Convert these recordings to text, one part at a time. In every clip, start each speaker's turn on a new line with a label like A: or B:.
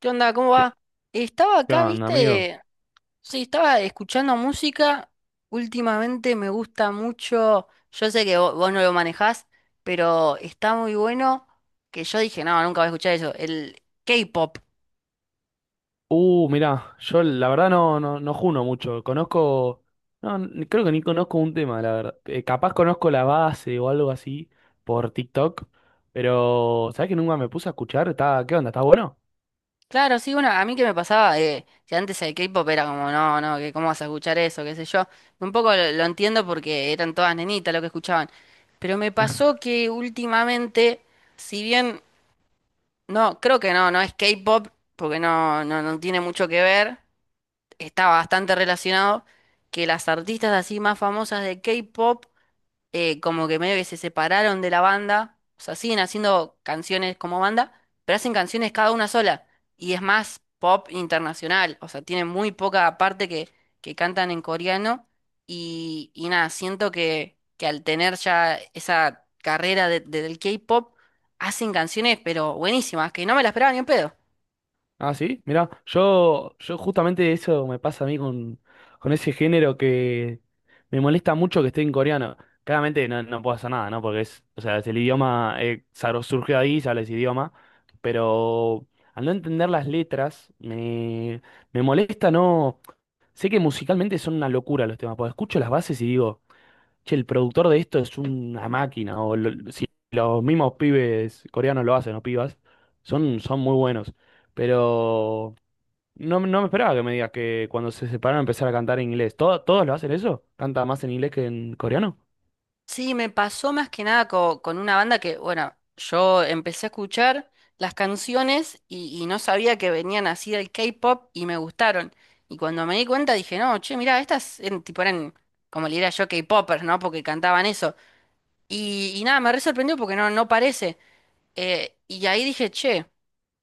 A: ¿Qué onda? ¿Cómo
B: ¿Qué,
A: va? Estaba
B: qué
A: acá,
B: onda, amigo?
A: viste, sí, estaba escuchando música. Últimamente me gusta mucho, yo sé que vos, no lo manejás, pero está muy bueno que yo dije, no, nunca voy a escuchar eso, el K-pop.
B: Mirá, yo la verdad no juno mucho. No, creo que ni conozco un tema, la verdad. Capaz conozco la base o algo así por TikTok, pero ¿sabés que nunca me puse a escuchar? ¿Está, qué onda? ¿Está bueno?
A: Claro, sí, bueno, a mí que me pasaba, que antes el K-pop era como, no, no, que cómo vas a escuchar eso, qué sé yo. Un poco lo entiendo porque eran todas nenitas lo que escuchaban, pero me pasó que últimamente, si bien no, creo que no, no es K-pop, porque no, no, no tiene mucho que ver. Está bastante relacionado que las artistas así más famosas de K-pop, como que medio que se separaron de la banda, o sea, siguen haciendo canciones como banda, pero hacen canciones cada una sola, y es más pop internacional, o sea, tienen muy poca parte que cantan en coreano, y nada, siento que al tener ya esa carrera del K-pop, hacen canciones, pero buenísimas, que no me las esperaba ni un pedo.
B: Ah, sí, mira, yo justamente eso me pasa a mí con ese género que me molesta mucho que esté en coreano. Claramente no, no puedo hacer nada, ¿no? Porque es, o sea, es el idioma, surgió ahí, se habla ese idioma, pero al no entender las letras, me molesta, no. Sé que musicalmente son una locura los temas, porque escucho las bases y digo, che, el productor de esto es una máquina, o si los mismos pibes coreanos lo hacen, o pibas, son muy buenos. Pero no, no me esperaba que me digas que cuando se separaron empezar a cantar en inglés. ¿Todos lo hacen eso? ¿Canta más en inglés que en coreano?
A: Sí, me pasó más que nada con, una banda que, bueno, yo empecé a escuchar las canciones y no sabía que venían así del K-pop y me gustaron. Y cuando me di cuenta dije, no, che, mirá, estas eran, tipo eran, como le diría yo, K-popers, ¿no? Porque cantaban eso. Y nada, me re sorprendió porque no, no parece. Y ahí dije, che,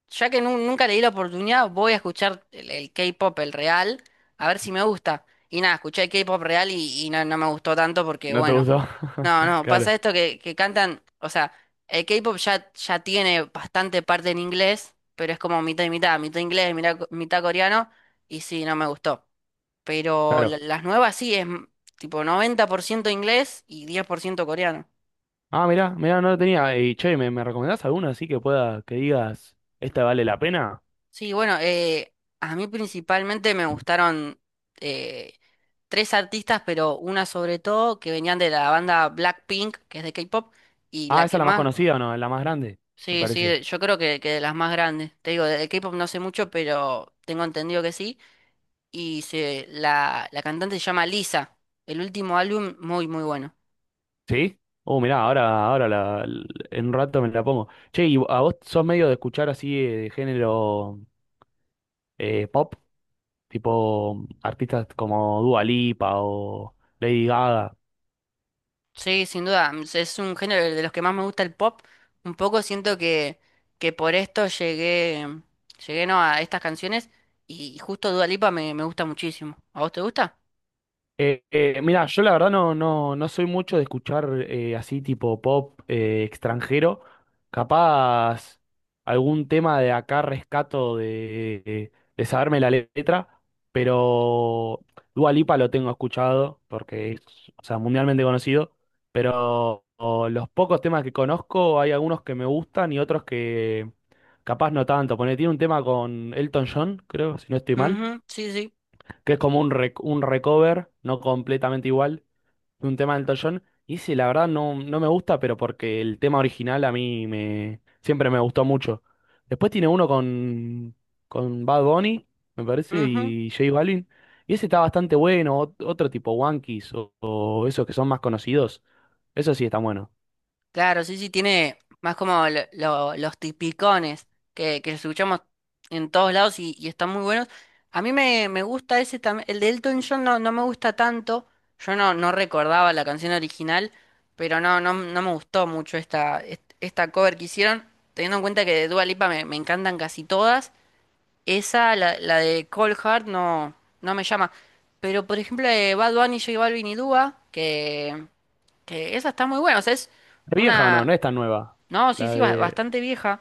A: ya que nunca le di la oportunidad, voy a escuchar el K-pop, el real, a ver si me gusta. Y nada, escuché el K-pop real y no, no me gustó tanto porque,
B: ¿No te
A: bueno.
B: gustó?
A: No, no,
B: Claro,
A: pasa esto que cantan, o sea, el K-pop ya tiene bastante parte en inglés, pero es como mitad y mitad, mitad inglés, mitad, mitad coreano, y sí, no me gustó. Pero
B: claro.
A: las nuevas sí, tipo 90% inglés y 10% coreano.
B: Ah, mirá, mirá, no lo tenía. Y che, me recomendás alguna así que pueda, que digas, esta vale la pena?
A: Sí, bueno, a mí principalmente me gustaron, eh, tres artistas, pero una sobre todo que venían de la banda Blackpink, que es de K-pop, y la
B: Ah, esa
A: que
B: es la más
A: más... bueno,
B: conocida o no, es la más grande, me
A: sí, sí,
B: parece.
A: yo creo que de las más grandes. Te digo, de K-pop no sé mucho, pero tengo entendido que sí. La cantante se llama Lisa. El último álbum, muy, muy bueno.
B: ¿Sí? Oh, mirá, ahora en un rato me la pongo. Che, ¿y a vos sos medio de escuchar así de género pop? Tipo artistas como Dua Lipa o Lady Gaga.
A: Sí, sin duda, es un género de los que más me gusta el pop. Un poco siento que por esto llegué, llegué no, a estas canciones y justo Dua Lipa me gusta muchísimo. ¿A vos te gusta?
B: Mira, yo la verdad no soy mucho de escuchar así tipo pop extranjero. Capaz algún tema de acá rescato de saberme la letra, pero Dua Lipa lo tengo escuchado porque es, o sea, mundialmente conocido. Pero o, los pocos temas que conozco, hay algunos que me gustan y otros que capaz no tanto. Porque tiene un tema con Elton John, creo, si no estoy mal,
A: Ujú, sí, sí.
B: que es como un, un recover, no completamente igual, de un tema del Elton. Y ese, la verdad, no, no me gusta, pero porque el tema original a mí siempre me gustó mucho. Después tiene uno con Bad Bunny, me parece,
A: Ujú.
B: y J Balvin. Y ese está bastante bueno, otro tipo, Wankees o esos que son más conocidos. Eso sí está bueno.
A: Claro, sí, sí, tiene más como los tipicones que escuchamos en todos lados y están muy buenos. A mí me gusta ese también, el de Elton John no, no me gusta tanto, yo no, no recordaba la canción original, pero no, no, no me gustó mucho esta, esta cover que hicieron, teniendo en cuenta que de Dua Lipa me encantan casi todas, esa, la de Cold Heart, no, no me llama, pero por ejemplo de Bad Bunny, J Balvin y Dua, que esa está muy buena, o sea, es
B: ¿Es vieja o no? No
A: una...
B: es tan nueva.
A: No, sí,
B: La
A: sí, ba-
B: de...
A: bastante vieja.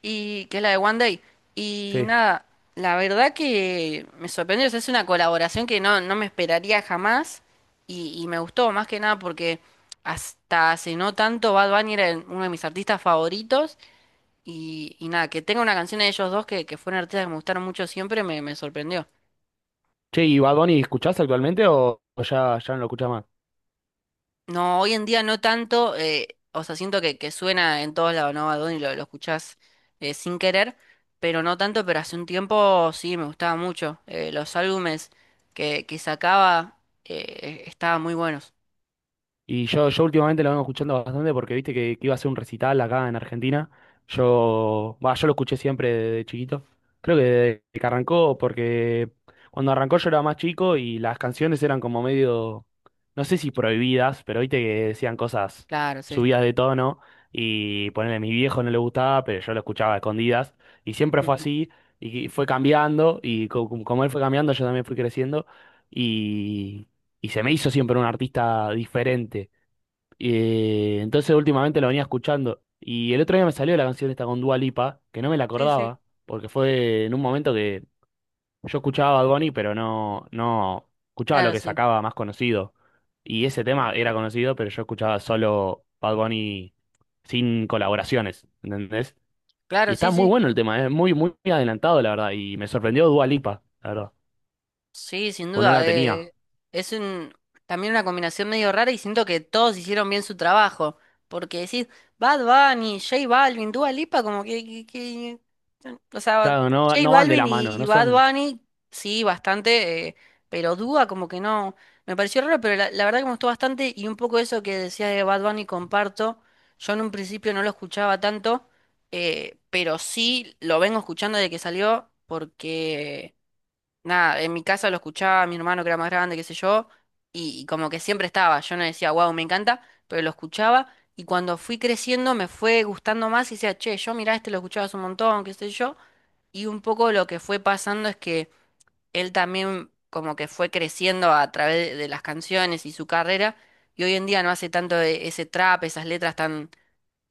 A: Y que es la de One Day. Y
B: Sí.
A: nada, la verdad que me sorprendió. O sea, es una colaboración que no, no me esperaría jamás. Y me gustó más que nada porque hasta hace no tanto Bad Bunny era uno de mis artistas favoritos. Y nada, que tenga una canción de ellos dos que fueron artistas que me gustaron mucho siempre me sorprendió.
B: Che, ¿y Bad Bunny escuchás actualmente o ya, ya no lo escuchás más?
A: No, hoy en día no tanto, o sea, siento que suena en todos lados, ¿no? A dónde lo escuchás, sin querer, pero no tanto, pero hace un tiempo sí me gustaba mucho. Los álbumes que sacaba, estaban muy buenos.
B: Y yo últimamente lo vengo escuchando bastante porque viste que iba a hacer un recital acá en Argentina. Yo, bah, yo lo escuché siempre desde chiquito. Creo que desde que arrancó, porque cuando arrancó yo era más chico y las canciones eran como medio, no sé si prohibidas, pero viste que decían cosas
A: Claro, sí.
B: subidas de tono. Y ponerle a mi viejo no le gustaba, pero yo lo escuchaba a escondidas. Y siempre fue así, y fue cambiando. Y como él fue cambiando, yo también fui creciendo y se me hizo siempre un artista diferente. Entonces últimamente lo venía escuchando. Y el otro día me salió la canción esta con Dua Lipa, que no me la
A: Sí, sí.
B: acordaba, porque fue en un momento que yo escuchaba a Bad Bunny, pero no, no escuchaba lo
A: Claro,
B: que
A: sí.
B: sacaba más conocido. Y ese tema era conocido, pero yo escuchaba solo Bad Bunny sin colaboraciones, ¿entendés? Y
A: Claro,
B: está
A: sí,
B: muy
A: sí.
B: bueno el tema, es muy, muy adelantado, la verdad. Y me sorprendió Dua Lipa, la verdad.
A: Sí, sin
B: Pues no la
A: duda.
B: tenía.
A: Es un, también una combinación medio rara y siento que todos hicieron bien su trabajo. Porque decís, Bad Bunny, J Balvin, Dua Lipa, como que, o sea,
B: Claro, no,
A: J
B: no van de
A: Balvin
B: la
A: y,
B: mano,
A: y
B: no
A: Bad
B: son.
A: Bunny, sí, bastante, pero Dua como que no. Me pareció raro, pero la verdad que me gustó bastante y un poco eso que decías de Bad Bunny comparto. Yo en un principio no lo escuchaba tanto, pero sí lo vengo escuchando desde que salió porque... Nada, en mi casa lo escuchaba mi hermano que era más grande, qué sé yo, y como que siempre estaba. Yo no decía, wow, me encanta, pero lo escuchaba y cuando fui creciendo me fue gustando más y decía, che, yo mirá, este lo escuchabas un montón, qué sé yo. Y un poco lo que fue pasando es que él también como que fue creciendo a través de las canciones y su carrera y hoy en día no hace tanto ese trap, esas letras tan,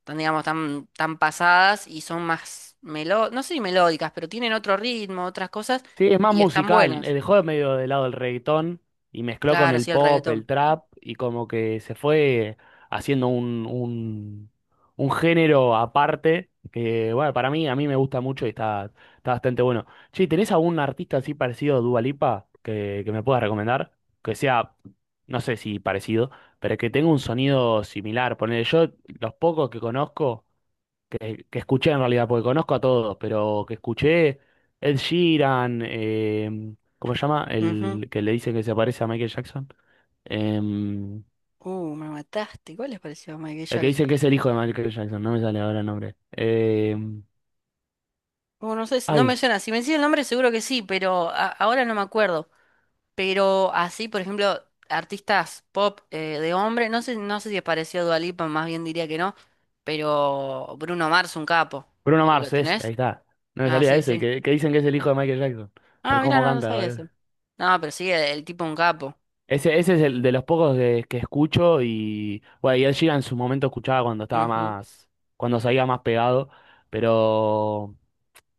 A: tan digamos, tan, tan pasadas y son más, melo no sé si melódicas, pero tienen otro ritmo, otras cosas
B: Sí, es más
A: y están
B: musical.
A: buenas.
B: Dejó de medio de lado el reggaetón y mezcló con
A: Claro,
B: el
A: sí, el
B: pop,
A: reggaetón.
B: el trap y como que se fue haciendo un género aparte que, bueno, para mí, a mí me gusta mucho y está, está bastante bueno. Che, ¿tenés algún artista así parecido a Dua Lipa que me puedas recomendar? Que sea, no sé si parecido, pero que tenga un sonido similar. Ponele, yo los pocos que conozco que escuché en realidad, porque conozco a todos, pero que escuché Ed Sheeran, ¿cómo se llama?
A: Ujú.
B: El que le dicen que se parece a Michael Jackson. Em,
A: Me mataste. ¿Cuál les pareció Michael
B: el que
A: Jackson?
B: dicen que es el hijo de Michael Jackson, no me sale ahora el nombre.
A: No sé, no me
B: Ay,
A: suena. Si me decís el nombre, seguro que sí, pero ahora no me acuerdo. Pero así, por ejemplo, artistas pop, de hombre, no sé, no sé si apareció Dua Lipa, más bien diría que no. Pero Bruno Mars, un capo.
B: Bruno
A: ¿Lo
B: Mars, ese,
A: tenés?
B: ahí está. No me
A: Ah,
B: salía
A: sí,
B: ese,
A: sí.
B: que dicen que es el hijo de Michael Jackson, por
A: Ah, mira,
B: cómo
A: no, no
B: canta,
A: sabía
B: boludo.
A: eso. No, pero sí, el tipo un capo.
B: Ese es el de los pocos que escucho y, bueno, y Ed Sheeran en su momento escuchaba cuando estaba
A: Ujú.
B: más, cuando salía más pegado, pero...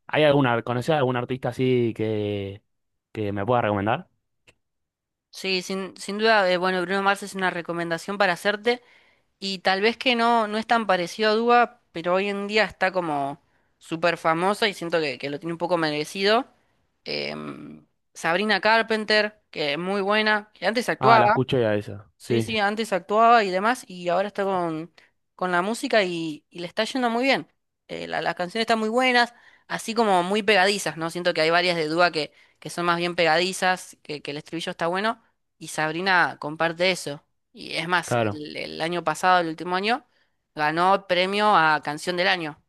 B: ¿Hay alguna, conocés algún artista así que me pueda recomendar?
A: Sí, sin duda, bueno, Bruno Mars es una recomendación para hacerte. Y tal vez que no, no es tan parecido a Duba, pero hoy en día está como súper famosa y siento que lo tiene un poco merecido. Em, Sabrina Carpenter, que es muy buena, que antes
B: Ah, la
A: actuaba.
B: escuché a esa.
A: Sí,
B: Sí,
A: sí, antes actuaba y demás, y ahora está con la música y le está yendo muy bien. Las canciones están muy buenas, así como muy pegadizas, ¿no? Siento que hay varias de Dúa que son más bien pegadizas, que el estribillo está bueno, y Sabrina comparte eso. Y es más,
B: claro.
A: el año pasado, el último año, ganó premio a Canción del Año.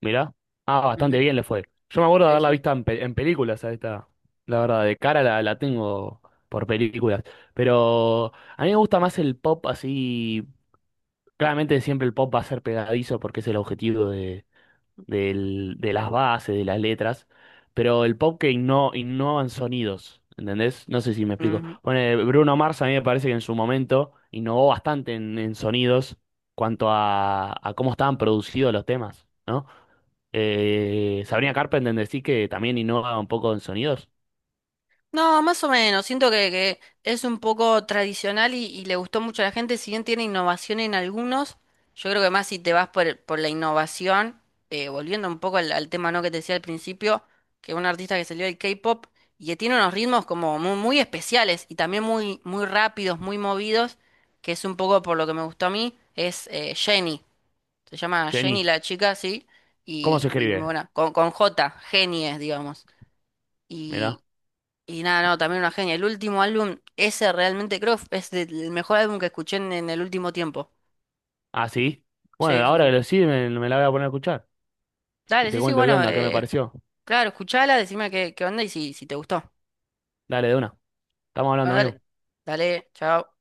B: Mirá. Ah, bastante
A: Ujú,
B: bien le fue. Yo me acuerdo de haberla
A: sí,
B: visto en, en películas a esta. La verdad, de cara la tengo por películas. Pero a mí me gusta más el pop así. Claramente siempre el pop va a ser pegadizo porque es el objetivo de las bases, de las letras, pero el pop que innova en sonidos, ¿entendés? No sé si me explico.
A: sí.
B: Bueno, Bruno Mars a mí me parece que en su momento innovó bastante en sonidos cuanto a cómo estaban producidos los temas, ¿no? Sabrina Carpenter decís que también innova un poco en sonidos.
A: No, más o menos. Siento que es un poco tradicional y le gustó mucho a la gente. Si bien tiene innovación en algunos, yo creo que más si te vas por, por la innovación, volviendo un poco al tema no que te decía al principio, que un artista que salió del K-pop y que tiene unos ritmos como muy, muy especiales y también muy, muy rápidos, muy movidos, que es un poco por lo que me gustó a mí, es, Jennie. Se llama Jennie
B: Jenny,
A: la chica, sí,
B: ¿cómo
A: y,
B: se
A: y muy
B: escribe?
A: buena. Con J, genies es, digamos.
B: Mirá.
A: Y nada, no, también una genia. El último álbum, ese realmente creo es el mejor álbum que escuché en el último tiempo.
B: Ah, sí. Bueno,
A: Sí, sí,
B: ahora que
A: sí.
B: lo sí, me la voy a poner a escuchar. Y
A: Dale,
B: te
A: sí, sí,
B: cuento qué
A: bueno,
B: onda, qué me pareció.
A: claro, escuchala, decime qué onda y si te gustó.
B: Dale, de una. Estamos hablando,
A: Bueno,
B: amigo.
A: dale, dale, chao.